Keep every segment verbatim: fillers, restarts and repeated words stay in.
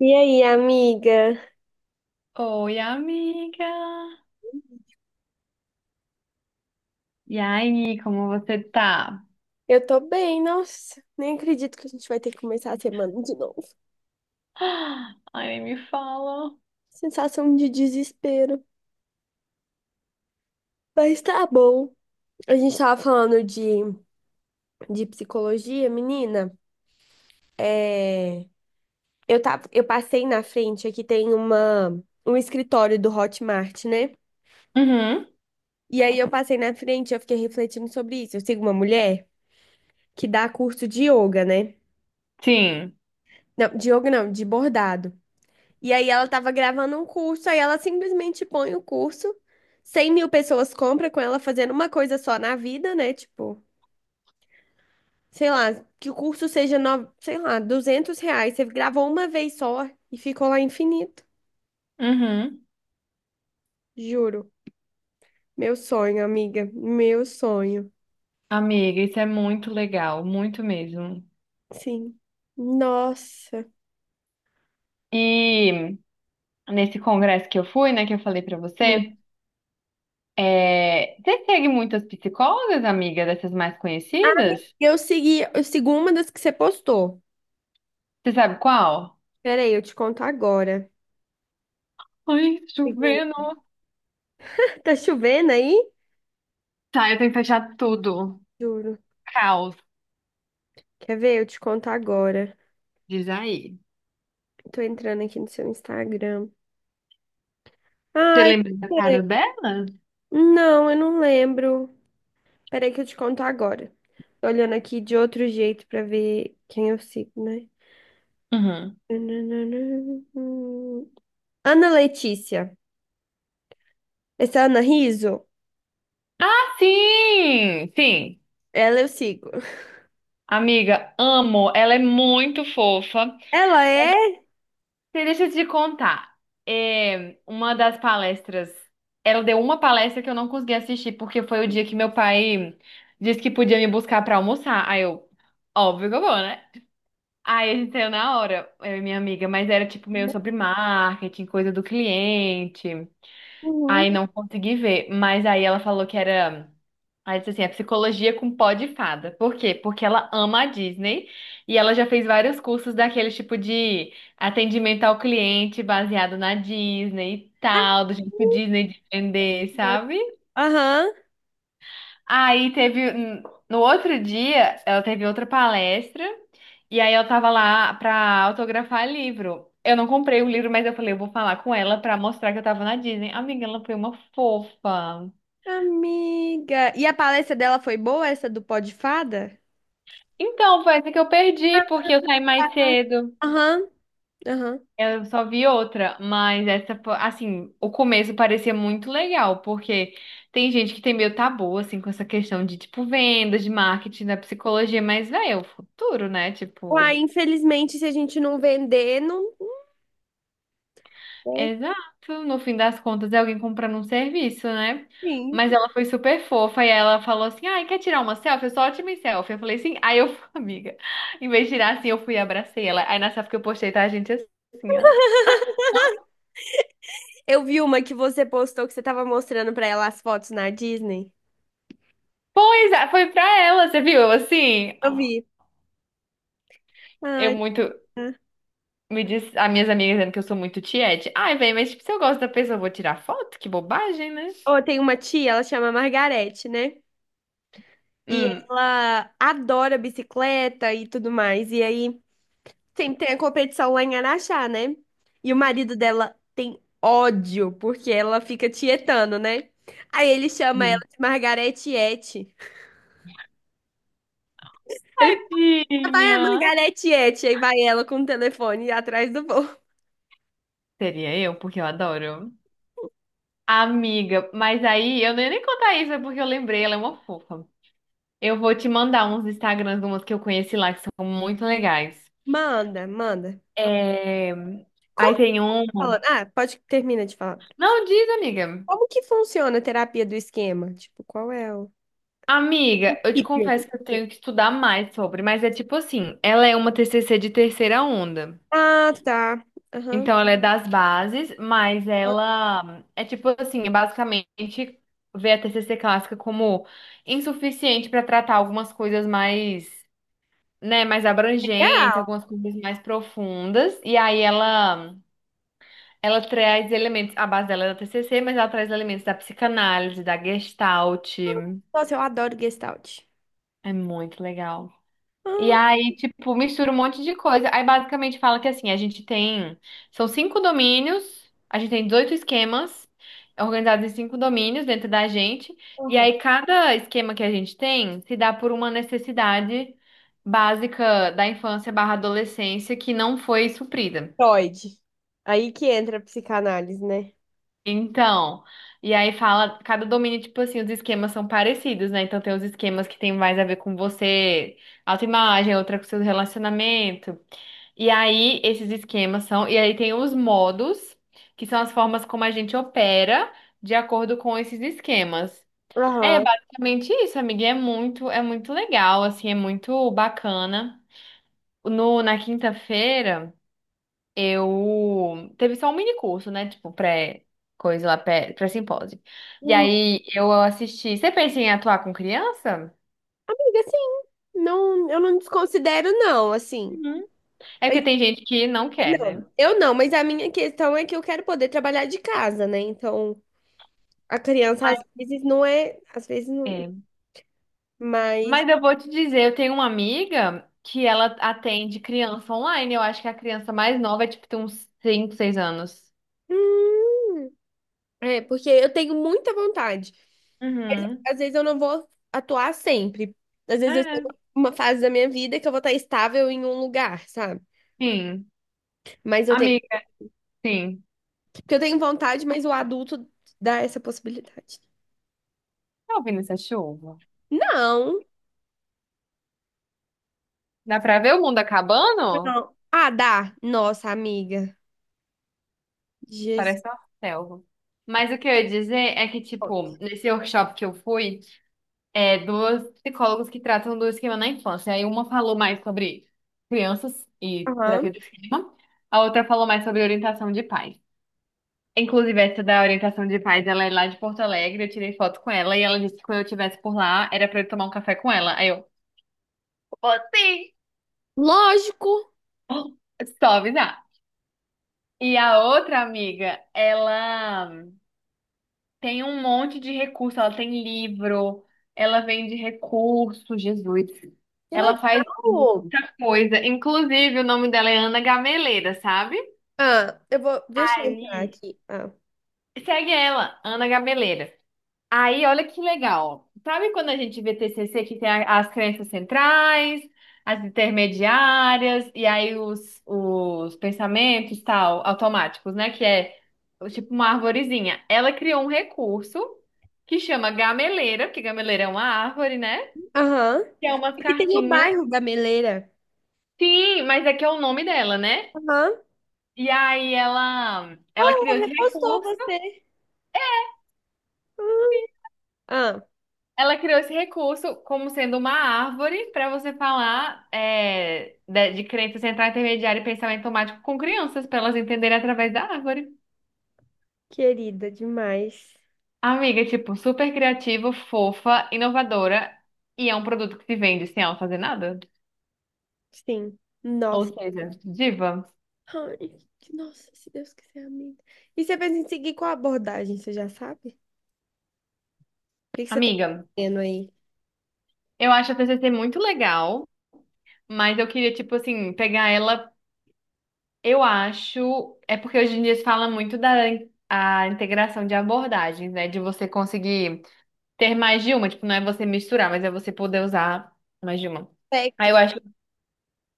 E aí, amiga? Oi, amiga! E aí, como você tá? Eu tô bem, nossa. Nem acredito que a gente vai ter que começar a semana de novo. Ah, ai, nem me fala. Sensação de desespero. Mas tá bom. A gente tava falando de, de psicologia, menina. É, eu tava, eu passei na frente, aqui tem uma, um escritório do Hotmart, né? Uhum, E aí eu passei na frente, eu fiquei refletindo sobre isso. Eu sigo uma mulher que dá curso de yoga, né? sim. Não, de yoga não, de bordado. E aí ela tava gravando um curso, aí ela simplesmente põe o curso, cem mil pessoas compram com ela fazendo uma coisa só na vida, né? Tipo, sei lá, que o curso seja, no... sei lá, duzentos reais. Você gravou uma vez só e ficou lá infinito, Uhum. juro. Meu sonho, amiga, meu sonho. Amiga, isso é muito legal, muito mesmo. Sim. Nossa. E nesse congresso que eu fui, né, que eu falei pra Hum. você, é... você segue muitas psicólogas, amiga, dessas mais conhecidas? Eu segui, eu sigo uma das que você postou. Você sabe qual? Peraí, eu te conto agora. Ai, Sigo- chovendo. Tá chovendo aí? Tá, eu tenho que fechar tudo. Juro. Caos, Quer ver? Eu te conto agora. diz aí. Tô entrando aqui no seu Instagram. Você Ai, lembra da é. cara dela? Não, eu não lembro. Peraí que eu te conto agora. Tô olhando aqui de outro jeito pra ver quem eu sigo, né? Uhum. Ana Letícia. Essa é a Ana Riso? Ah, sim! Sim. Ela eu sigo. Amiga, amo. Ela é muito fofa. Ela é? E deixa eu te contar. É, uma das palestras. Ela deu uma palestra que eu não consegui assistir, porque foi o dia que meu pai disse que podia me buscar pra almoçar. Aí eu, óbvio que eu vou, né? Aí a gente saiu na hora, eu e minha amiga, mas era tipo meio sobre marketing, coisa do cliente. Uhum. Aí não consegui ver. Mas aí ela falou que era. Aí disse assim, é psicologia com pó de fada. Por quê? Porque ela ama a Disney e ela já fez vários cursos daquele tipo de atendimento ao cliente baseado na Disney e tal, do jeito Disney de vender, sabe? Aham. Aí teve, hum, no outro dia, ela teve outra palestra e aí eu tava lá pra autografar livro. Eu não comprei o livro, mas eu falei, eu vou falar com ela pra mostrar que eu tava na Disney. Amiga, ela foi uma fofa. Amiga, e a palestra dela foi boa, essa do Pó de Fada? Então, foi essa que eu perdi, porque eu saí mais cedo. Aham, aham. Eu só vi outra, mas essa, fo- assim, o começo parecia muito legal, porque tem gente que tem meio tabu, assim, com essa questão de, tipo, vendas, de marketing, da psicologia, mas, velho, é o futuro, né? Uai, Tipo, infelizmente, se a gente não vender, não. É, exato, no fim das contas é alguém comprando um serviço, né? sim. Mas ela foi super fofa e ela falou assim: ai, quer tirar uma selfie? Eu sou ótima em selfie. Eu falei assim: aí eu, amiga, em vez de tirar assim, eu fui e abracei ela. Aí na selfie que eu postei, tá, gente, assim, ó. Eu vi uma que você postou que você tava mostrando pra ela as fotos na Disney. Pois é, foi pra ela, você viu? Eu, assim. Eu vi. Eu Ai, muito. tá. Me diz, as minhas amigas dizendo que eu sou muito tiete. Ai, velho, mas tipo, se eu gosto da pessoa, eu vou tirar foto? Que bobagem, né? Ó, tem uma tia, ela chama Margarete, né? E Hum. ela adora bicicleta e tudo mais. E aí sempre tem a competição lá em Araxá, né? E o marido dela tem ódio porque ela fica tietando, né? Aí ele chama ela Sim. de Margarete Ete. Ele fala, vai Tadinha. a Margarete Ete. Aí vai ela com o telefone atrás do voo. Seria eu, porque eu adoro. Amiga, mas aí eu não ia nem contar isso, é porque eu lembrei, ela é uma fofa. Eu vou te mandar uns Instagrams de umas que eu conheci lá, que são muito legais. Manda, manda. É... Aí Como tem um. falando. Ah, pode termina de falar. Não, diz, amiga. Como que funciona a terapia do esquema? Tipo, qual é o. Amiga, eu te Hipio. confesso que eu tenho que estudar mais sobre, mas é tipo assim, ela é uma T C C de terceira onda. Ah, tá. Aham. Então, ela é das bases, mas ela é tipo assim, é basicamente vê a T C C clássica como insuficiente para tratar algumas coisas mais, né, mais abrangentes, Legal. algumas coisas mais profundas. E aí ela ela traz elementos, a base dela é da T C C, mas ela traz elementos da psicanálise, da Gestalt. Nossa, eu adoro Gestalt. É muito legal. E Ah, aí, tipo, mistura um monte de coisa. Aí basicamente fala que assim, a gente tem. São cinco domínios, a gente tem dezoito esquemas organizados em cinco domínios dentro da gente. E aham. aí, cada esquema que a gente tem se dá por uma necessidade básica da infância barra adolescência que não foi suprida. Freud. Aí que entra a psicanálise, né? Então, e aí fala, cada domínio, tipo assim, os esquemas são parecidos, né? Então tem os esquemas que tem mais a ver com você, autoimagem, outra com seu relacionamento. E aí, esses esquemas são. E aí, tem os modos, que são as formas como a gente opera de acordo com esses esquemas. É Aham. basicamente isso, amiga. E é muito, é muito legal, assim, é muito bacana. No, na quinta-feira, eu. Teve só um mini curso, né? Tipo, pré. Coisa lá, pré- pré-simpósio. E Hum, aí, eu assisti. Você pensa em atuar com criança? amiga, sim. Não, eu não desconsidero, não, assim. Uhum. É porque Mas, tem gente que não é, quer, né? não. Eu não, mas a minha questão é que eu quero poder trabalhar de casa, né? Então, a criança Mas às vezes não é. Às vezes não. é. Mas. Mas eu vou te dizer, eu tenho uma amiga que ela atende criança online. Eu acho que a criança mais nova é tipo tem uns cinco seis anos. Hum, é, porque eu tenho muita vontade. Uhum. Às vezes eu não vou atuar sempre. Às vezes eu estou É, numa fase da minha vida que eu vou estar estável em um lugar, sabe? sim. Mas eu tenho, Amiga, sim. porque eu tenho vontade, mas o adulto dá essa possibilidade. Tá ouvindo essa chuva? Não, Dá pra ver o mundo acabando? não. Ah, dá. Nossa, amiga. Jesus. Parece uma selva. Mas o que eu ia dizer é que, tipo, nesse workshop que eu fui, é duas psicólogas que tratam do esquema na infância. Aí uma falou mais sobre crianças e Aham. terapia do esquema, a outra falou mais sobre orientação de pais. Inclusive, essa da orientação de paz, ela é lá de Porto Alegre, eu tirei foto com ela e ela disse que quando eu estivesse por lá, era pra eu tomar um café com ela. Aí eu, vou sim! Lógico. Só avisar. E a outra amiga, ela tem um monte de recurso, ela tem livro, ela vende recurso, Jesus. Que legal. Ela faz muita coisa. Inclusive, o nome dela é Ana Gameleira, sabe? Ah, eu vou, deixa eu entrar Aí, aqui. Ah. segue ela, Ana Gameleira. Aí, olha que legal. Sabe quando a gente vê T C C que tem a- as crenças centrais, as intermediárias e aí os, os pensamentos tal, automáticos, né? Que é tipo uma arvorezinha. Ela criou um recurso que chama gameleira, porque gameleira é uma árvore, né? Aham. Que é umas Aqui tem o cartinhas. bairro Gameleira. Sim, mas é que é o nome dela, né? Aham. E aí ela, Olha, ela criou ela esse repostou recurso. você. Ah. Ela criou esse recurso como sendo uma árvore para você falar é, de, de crença central, intermediária e pensamento automático com crianças, para elas entenderem através da árvore. Querida demais. Amiga, tipo, super criativa, fofa, inovadora e é um produto que se vende sem ela fazer nada. Sim. Ou Nossa. seja, diva. Ai, que- nossa, se Deus quiser, amém. E você pensa em seguir qual abordagem, você já sabe? O que que você tá Amiga, fazendo aí? eu acho a T C C muito legal, mas eu queria, tipo assim, pegar ela. Eu acho. É porque hoje em dia se fala muito da a integração de abordagens, né? De você conseguir ter mais de uma, tipo, não é você misturar, mas é você poder usar mais de uma. Aí eu Aspectos, acho,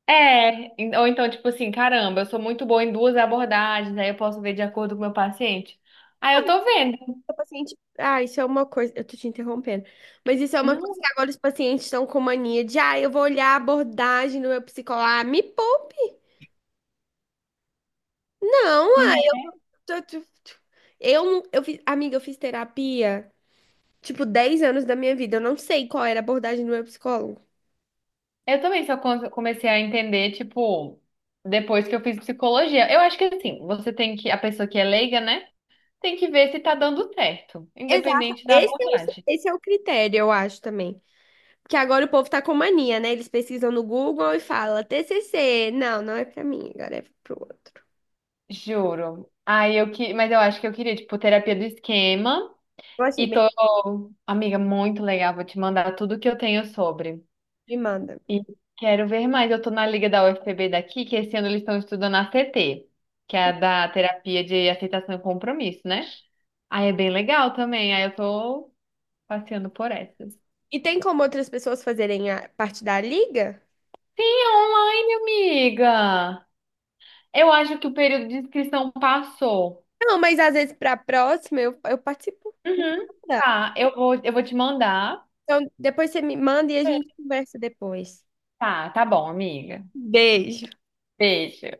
é, en- ou então, tipo assim, caramba, eu sou muito boa em duas abordagens, aí eu posso ver de acordo com o meu paciente. Aí eu tô vendo. o paciente. Ah, isso é uma coisa. Eu tô te interrompendo. Mas isso é uma Não, coisa que agora os pacientes estão com mania de, ah, eu vou olhar a abordagem do meu psicólogo. Ah, me poupe! Não, ah, né? tô- tô- tô- eu, não- eu fiz, amiga, eu fiz terapia, tipo, dez anos da minha vida. Eu não sei qual era a abordagem do meu psicólogo. Eu também só con- comecei a entender, tipo, depois que eu fiz psicologia. Eu acho que assim, você tem que, a pessoa que é leiga, né, tem que ver se tá dando certo, Exato. independente da Esse é o, abordagem. esse é o critério, eu acho também. Porque agora o povo tá com mania, né? Eles pesquisam no Google e falam T C C. Não, não é pra mim, agora é pro outro. Juro. Aí eu que, mas eu acho que eu queria, tipo, terapia do esquema. Eu achei E bem. tô, amiga, muito legal. Vou te mandar tudo que eu tenho sobre. Me manda. E quero ver mais. Eu tô na liga da U F P B daqui, que esse ano eles estão estudando a C T, que é a da terapia de aceitação e compromisso, né? Aí é bem legal também. Aí eu tô passeando por essas. E tem como outras pessoas fazerem a parte da liga? Sim, online, amiga. Eu acho que o período de inscrição passou. Não, mas às vezes para a próxima eu, eu participo. Me Uhum. manda. Tá, eu vou, eu vou te mandar. Então, depois você me manda e a gente conversa depois. Tá, tá bom, amiga. Beijo. Beijo.